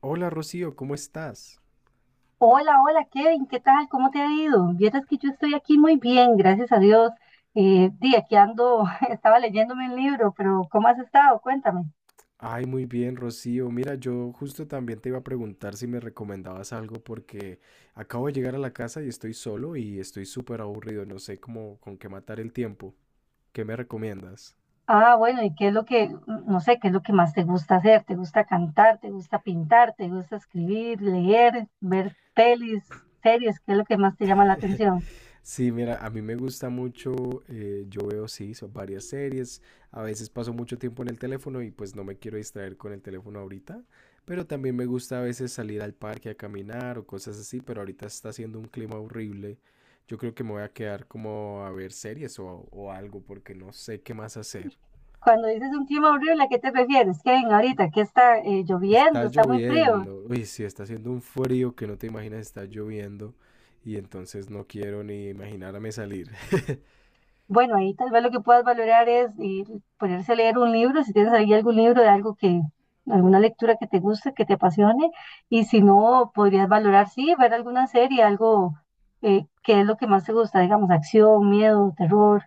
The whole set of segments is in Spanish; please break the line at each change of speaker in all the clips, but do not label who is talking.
Hola Rocío, ¿cómo estás?
Hola, hola Kevin, ¿qué tal? ¿Cómo te ha ido? Vieras que yo estoy aquí muy bien, gracias a Dios. Di, aquí ando, estaba leyéndome un libro, pero ¿cómo has estado? Cuéntame.
Ay, muy bien, Rocío. Mira, yo justo también te iba a preguntar si me recomendabas algo porque acabo de llegar a la casa y estoy solo y estoy súper aburrido, no sé cómo con qué matar el tiempo. ¿Qué me recomiendas?
Ah, bueno, ¿y qué es lo que, no sé, qué es lo que más te gusta hacer? ¿Te gusta cantar? ¿Te gusta pintar? ¿Te gusta escribir, leer, ver pelis, series? ¿Qué es lo que más te llama la atención?
Sí, mira, a mí me gusta mucho, yo veo, sí, son varias series, a veces paso mucho tiempo en el teléfono y pues no me quiero distraer con el teléfono ahorita, pero también me gusta a veces salir al parque a caminar o cosas así, pero ahorita está haciendo un clima horrible, yo creo que me voy a quedar como a ver series o algo porque no sé qué más hacer.
Cuando dices un clima horrible, ¿a qué te refieres, Kevin? Ahorita, ¿qué está
Está
lloviendo? ¿Está muy frío?
lloviendo, uy, sí, está haciendo un frío que no te imaginas, está lloviendo y entonces no quiero ni imaginarme salir.
Bueno, ahí tal vez lo que puedas valorar es ponerse a leer un libro, si tienes ahí algún libro de algo que, alguna lectura que te guste, que te apasione, y si no, podrías valorar, sí, ver alguna serie, algo que es lo que más te gusta, digamos, acción, miedo, terror,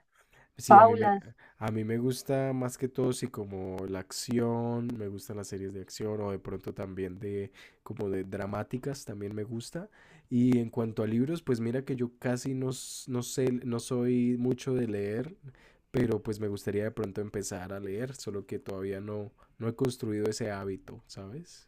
Sí,
paulas,
a mí me gusta más que todo, sí, como la acción, me gustan las series de acción o de pronto también de dramáticas, también me gusta. Y en cuanto a libros, pues mira que yo casi no, no sé, no soy mucho de leer, pero pues me gustaría de pronto empezar a leer, solo que todavía no he construido ese hábito, ¿sabes?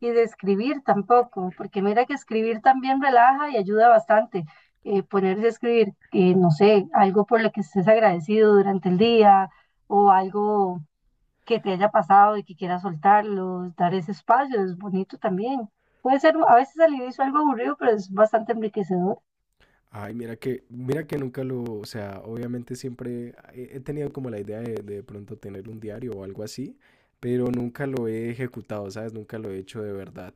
y de escribir tampoco, porque mira que escribir también relaja y ayuda bastante. Ponerse a escribir, no sé, algo por lo que estés agradecido durante el día o algo que te haya pasado y que quieras soltarlos, dar ese espacio, es bonito también. Puede ser a veces al inicio algo aburrido, pero es bastante enriquecedor.
Ay, mira que nunca lo, o sea, obviamente siempre he tenido como la idea de pronto tener un diario o algo así, pero nunca lo he ejecutado, ¿sabes? Nunca lo he hecho de verdad.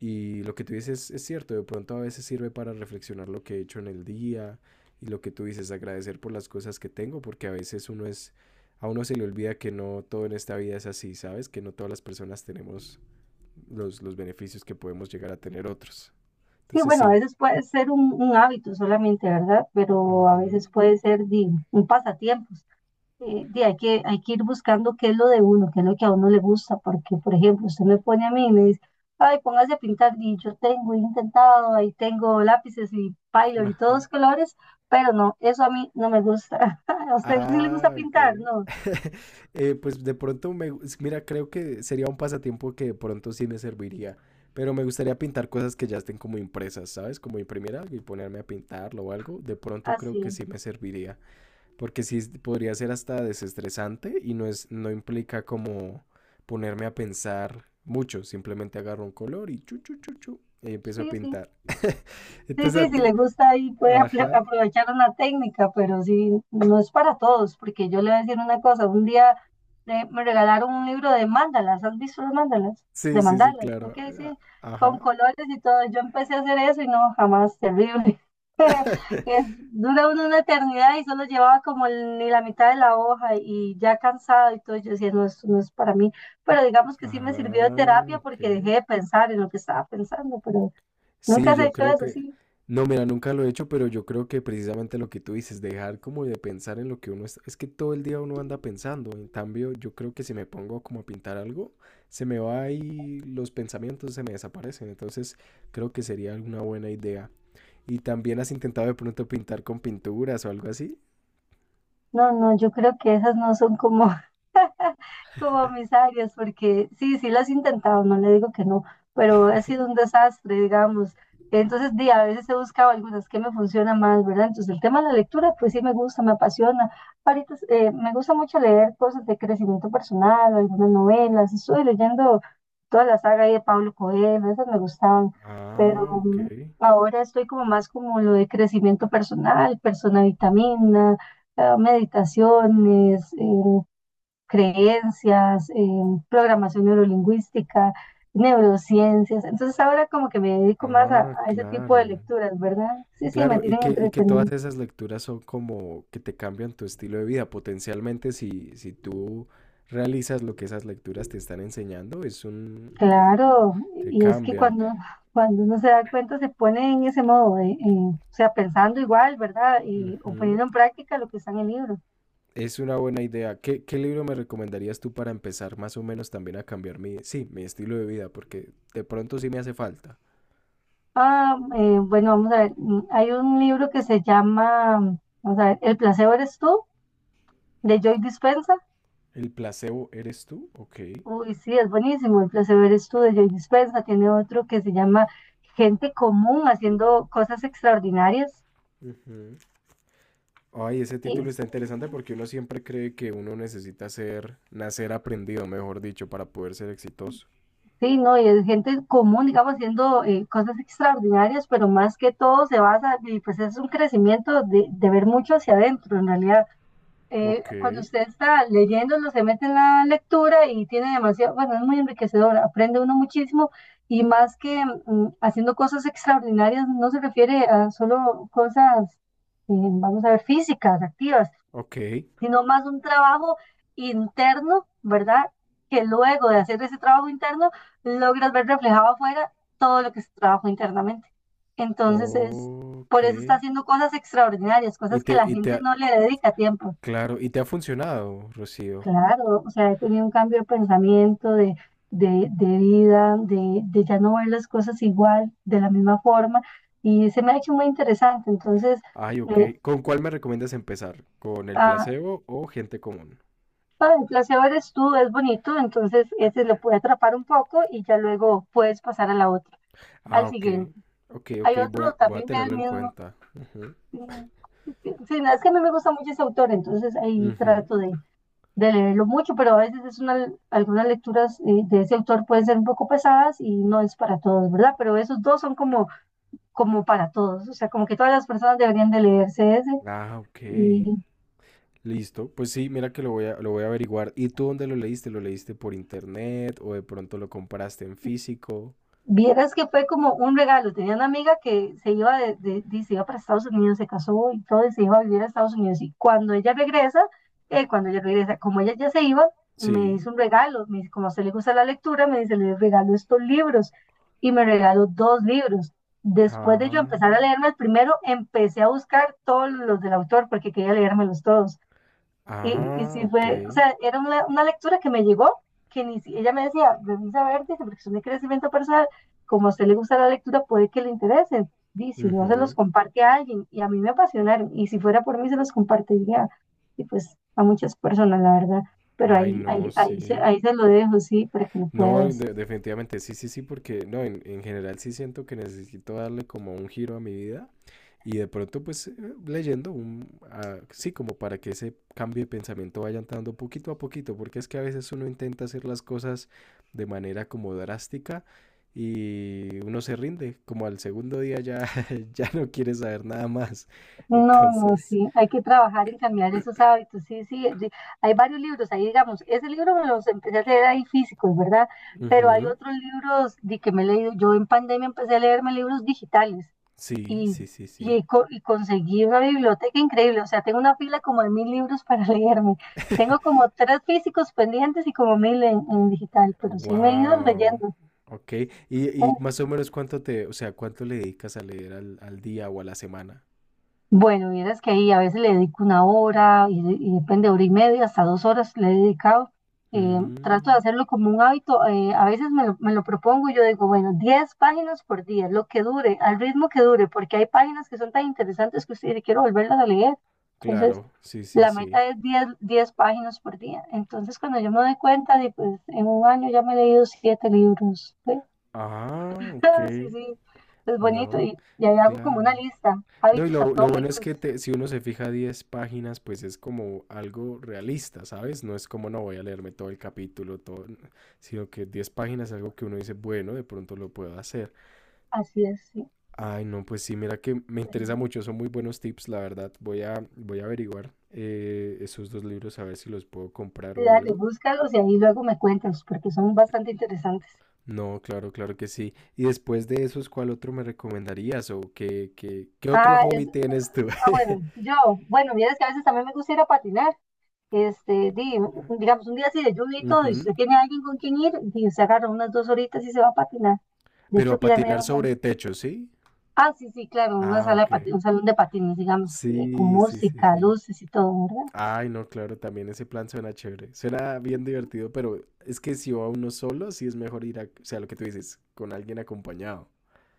Y lo que tú dices es cierto, de pronto a veces sirve para reflexionar lo que he hecho en el día y lo que tú dices, agradecer por las cosas que tengo, porque a uno se le olvida que no todo en esta vida es así, ¿sabes? Que no todas las personas tenemos los beneficios que podemos llegar a tener otros.
Sí,
Entonces
bueno, a
sí.
veces puede ser un hábito solamente, ¿verdad? Pero a veces
Ujú.
puede ser di, un pasatiempo. Di, hay que ir buscando qué es lo de uno, qué es lo que a uno le gusta, porque, por ejemplo, usted me pone a mí y me dice, ay, póngase a pintar, y yo tengo, he intentado, ahí tengo lápices y pylor y todos
Ajá.
los colores, pero no, eso a mí no me gusta. ¿A usted sí le gusta
Ah, ok.
pintar? No.
Pues de pronto, mira, creo que sería un pasatiempo que de pronto sí me serviría, pero me gustaría pintar cosas que ya estén como impresas, ¿sabes? Como imprimir algo y ponerme a pintarlo o algo, de pronto creo que
Así,
sí me serviría, porque podría ser hasta desestresante y no implica como ponerme a pensar mucho, simplemente agarro un color y chu, chu, chu, chu, y empiezo a
sí, sí.
pintar.
Sí, sí,
Entonces,
sí,
a
si
ti-
le gusta ahí puede
ajá,
aprovechar una técnica, pero sí, no es para todos, porque yo le voy a decir una cosa, un día me regalaron un libro de mandalas, ¿has visto los mandalas?
sí,
De
sí, sí,
mandalas,
claro,
ok, sí, con
ajá.
colores y todo, yo empecé a hacer eso y no, jamás, terrible. Es, dura uno una eternidad y solo llevaba ni la mitad de la hoja y ya cansado y todo, yo decía, no, esto no es para mí, pero digamos que sí me sirvió de
Ah,
terapia
ok.
porque dejé de pensar en lo que estaba pensando, pero... ¿Nunca
Sí,
has
yo
hecho
creo
eso?
que...
Sí.
No, mira, nunca lo he hecho, pero yo creo que precisamente lo que tú dices, dejar como de pensar en lo que uno está... Es que todo el día uno anda pensando. En cambio, yo creo que si me pongo como a pintar algo, se me va ahí los pensamientos, se me desaparecen. Entonces, creo que sería una buena idea. ¿Y también has intentado de pronto pintar con pinturas o algo así?
No, no, yo creo que esas no son como mis áreas, porque sí, sí las he intentado, no le digo que no, pero ha sido un desastre, digamos. Entonces, di, a veces he buscado algunas que me funcionan más, ¿verdad? Entonces, el tema de la lectura, pues sí me gusta, me apasiona. Ahorita me gusta mucho leer cosas de crecimiento personal, algunas novelas. Estuve leyendo toda la saga ahí de Pablo Coelho, esas me gustaban, pero
Ah, ok.
ahora estoy como más como lo de crecimiento personal, persona vitamina, meditaciones, creencias, programación neurolingüística, neurociencias. Entonces ahora como que me dedico más
Ah,
a ese tipo de
claro.
lecturas, ¿verdad? Sí, sí, me
Claro, y
tienen
que, y que todas
entretenido.
esas lecturas son como que te cambian tu estilo de vida. Potencialmente, si tú realizas lo que esas lecturas te están enseñando, es un...
Claro,
te
y es que
cambian.
cuando uno se da cuenta se pone en ese modo, de, o sea, pensando igual, ¿verdad? Y, o
Ujú.
poniendo en práctica lo que está en el libro.
Es una buena idea. ¿Qué libro me recomendarías tú para empezar más o menos también a cambiar sí, mi estilo de vida? Porque de pronto sí me hace falta.
Ah, bueno, vamos a ver, hay un libro que se llama, vamos a ver, El placebo eres tú, de Joy Dispenza.
¿El placebo eres tú? Ok.
Uy, sí, es buenísimo. El placer es tú de Joy Dispenza. Tiene otro que se llama Gente Común haciendo cosas extraordinarias.
Ujú. Ay, ese título
Y
está interesante porque uno siempre cree que uno necesita ser, nacer aprendido, mejor dicho, para poder ser exitoso.
sí, no, y es gente común, digamos, haciendo cosas extraordinarias, pero más que todo se basa, y pues es un crecimiento de ver mucho hacia adentro, en realidad.
Ok,
Cuando usted está leyendo, no se mete en la lectura y tiene demasiado, bueno, es muy enriquecedor, aprende uno muchísimo y más que haciendo cosas extraordinarias, no se refiere a solo cosas, vamos a ver, físicas, activas,
ok,
sino más un trabajo interno, ¿verdad? Que luego de hacer ese trabajo interno, logras ver reflejado afuera todo lo que se trabajó internamente. Entonces es,
ok.
por eso está haciendo cosas extraordinarias,
Y
cosas que
te,
la
y te
gente
ha-
no le dedica tiempo.
claro, y te ha funcionado, Rocío.
Claro, o sea, he tenido un cambio de pensamiento, de vida, de ya no ver las cosas igual, de la misma forma, y se me ha hecho muy interesante. Entonces,
Ay, ok.
eh,
¿Con cuál me recomiendas empezar? ¿Con el
ah,
placebo o gente común?
el placebo eres tú, es bonito, entonces ese lo puede atrapar un poco y ya luego puedes pasar a la otra,
Ah,
al
ok,
siguiente.
ok,
Hay
ok,
otro
voy a
también del
tenerlo en
mismo.
cuenta. Ujú,
Mm, sí, no, es que a mí me gusta mucho ese autor, entonces ahí
ujú.
trato de leerlo mucho, pero a veces es una, algunas lecturas de ese autor pueden ser un poco pesadas y no es para todos, ¿verdad? Pero esos dos son como, como para todos, o sea, como que todas las personas deberían de leerse ese
Ah, ok.
y
Listo. Pues sí, mira que lo voy a averiguar. ¿Y tú dónde lo leíste? ¿Lo leíste por internet o de pronto lo compraste en físico?
Vieras que fue como un regalo. Tenía una amiga que se iba, se iba para Estados Unidos, se casó y todo, y se iba a vivir a Estados Unidos. Y cuando ella regresa, como ella ya se iba, me
Sí.
hizo un regalo. Me dice, como a usted le gusta la lectura, me dice, le regalo estos libros. Y me regaló 2 libros. Después de yo
Ah,
empezar a leerme el primero, empecé a buscar todos los del autor porque quería leérmelos todos. Y
ah,
sí
ok.
fue, o sea, era una lectura que me llegó, que ni, ella me decía, revisa a ver, dice, porque son de crecimiento personal, como a usted le gusta la lectura, puede que le interesen. Dice, si no se los
Ujú.
comparte a alguien, y a mí me apasionaron, y si fuera por mí se los compartiría, y pues a muchas personas, la verdad. Pero
Ay, no, sí.
ahí se lo dejo, sí, para que lo
No,
puedas.
definitivamente, sí, sí, sí, porque no, en general sí siento que necesito darle como un giro a mi vida y de pronto pues leyendo ah, sí, como para que ese cambio de pensamiento vaya entrando poquito a poquito, porque es que a veces uno intenta hacer las cosas de manera como drástica y uno se rinde, como al segundo día ya, ya no quiere saber nada más.
No, no,
Entonces,
sí, hay que trabajar en cambiar esos hábitos, sí, sí, de- hay varios libros, ahí digamos, ese libro me los empecé a leer ahí físicos, ¿verdad? Pero hay
ujú,
otros libros de que me he leído, yo en pandemia empecé a leerme libros digitales
sí,
y,
sí, sí, sí.
y conseguí una biblioteca increíble, o sea, tengo una fila como de 1.000 libros para leerme, tengo como 3 físicos pendientes y como 1.000 en digital, pero sí me he ido
Wow.
leyendo.
Ok.
¿Eh?
¿Y más o menos o sea, cuánto le dedicas a leer al día o a la semana?
Bueno, vieras que ahí a veces le dedico una hora y, y depende, hora y media, hasta 2 horas le he dedicado. Trato de
Mm,
hacerlo como un hábito. A veces me lo propongo y yo digo, bueno, 10 páginas por día, lo que dure, al ritmo que dure, porque hay páginas que son tan interesantes que usted dice, quiero volverlas a leer. Entonces,
claro, sí, sí,
la
sí.
meta es 10 páginas por día. Entonces, cuando yo me doy cuenta, de, pues en un año ya me he leído 7 libros. ¿Sí?
Ah, ok.
Sí, sí, es bonito.
No,
Y ahí hago como
claro.
una lista,
No, y
hábitos
lo bueno es
atómicos,
que si uno se fija 10 páginas, pues es como algo realista, ¿sabes? No es como no voy a leerme todo el capítulo, todo, sino que 10 páginas es algo que uno dice, bueno, de pronto lo puedo hacer.
así es, sí.
Ay, no, pues sí, mira que me interesa
Bueno,
mucho, son muy buenos tips, la verdad. Voy a averiguar esos dos libros a ver si los puedo comprar
sí,
o
dale,
algo.
búscalos y ahí luego me cuentas, porque son bastante interesantes.
No, claro, claro que sí. Y después de esos, ¿cuál otro me recomendarías? ¿O qué otro
Ah,
hobby
es,
tienes tú?
ah, bueno, yo, bueno, mira, es que a veces también me gusta ir a patinar. Este, di, digamos, un día así de lluvia y todo, y si usted
Ujú.
tiene alguien con quien ir, y se agarra unas 2 horitas y se va a patinar. De
Pero
hecho,
a
que ya me
patinar
dieron ganas.
sobre techo, ¿sí?
Ah, sí, sí, claro, una
Ah,
sala de
ok.
un salón de patines, digamos, que- con
Sí, sí, sí,
música,
sí.
luces y todo,
Ay, no, claro, también ese plan suena chévere. Suena bien divertido, pero es que si va uno solo, sí es mejor ir a, o sea, lo que tú dices, con alguien acompañado.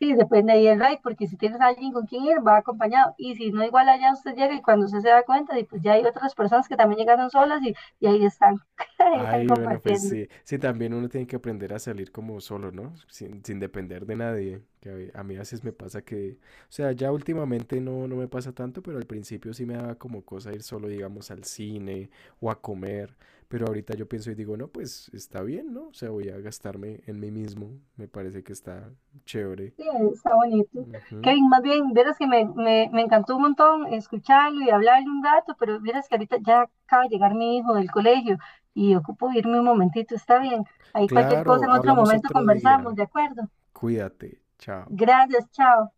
sí, depende ahí el ride, porque si tienes a alguien con quien ir, va acompañado. Y si no, igual allá usted llega y cuando usted se da cuenta, y pues ya hay otras personas que también llegaron solas y ahí están, ahí están
Ay, bueno, pues
compartiendo.
sí. Sí, también uno tiene que aprender a salir como solo, ¿no? Sin depender de nadie. Que a mí a veces me pasa que, o sea, ya últimamente no, no me pasa tanto, pero al principio sí me daba como cosa ir solo, digamos, al cine o a comer. Pero ahorita yo pienso y digo, no, pues está bien, ¿no? O sea, voy a gastarme en mí mismo. Me parece que está chévere.
Sí, está bonito.
Ujú.
Kevin, más bien, verás que me encantó un montón escucharlo y hablarle un rato, pero verás que ahorita ya acaba de llegar mi hijo del colegio y ocupo irme un momentito, está bien. Ahí cualquier cosa
Claro,
en otro
hablamos
momento
otro
conversamos,
día.
¿de acuerdo?
Cuídate. Chao.
Gracias, chao.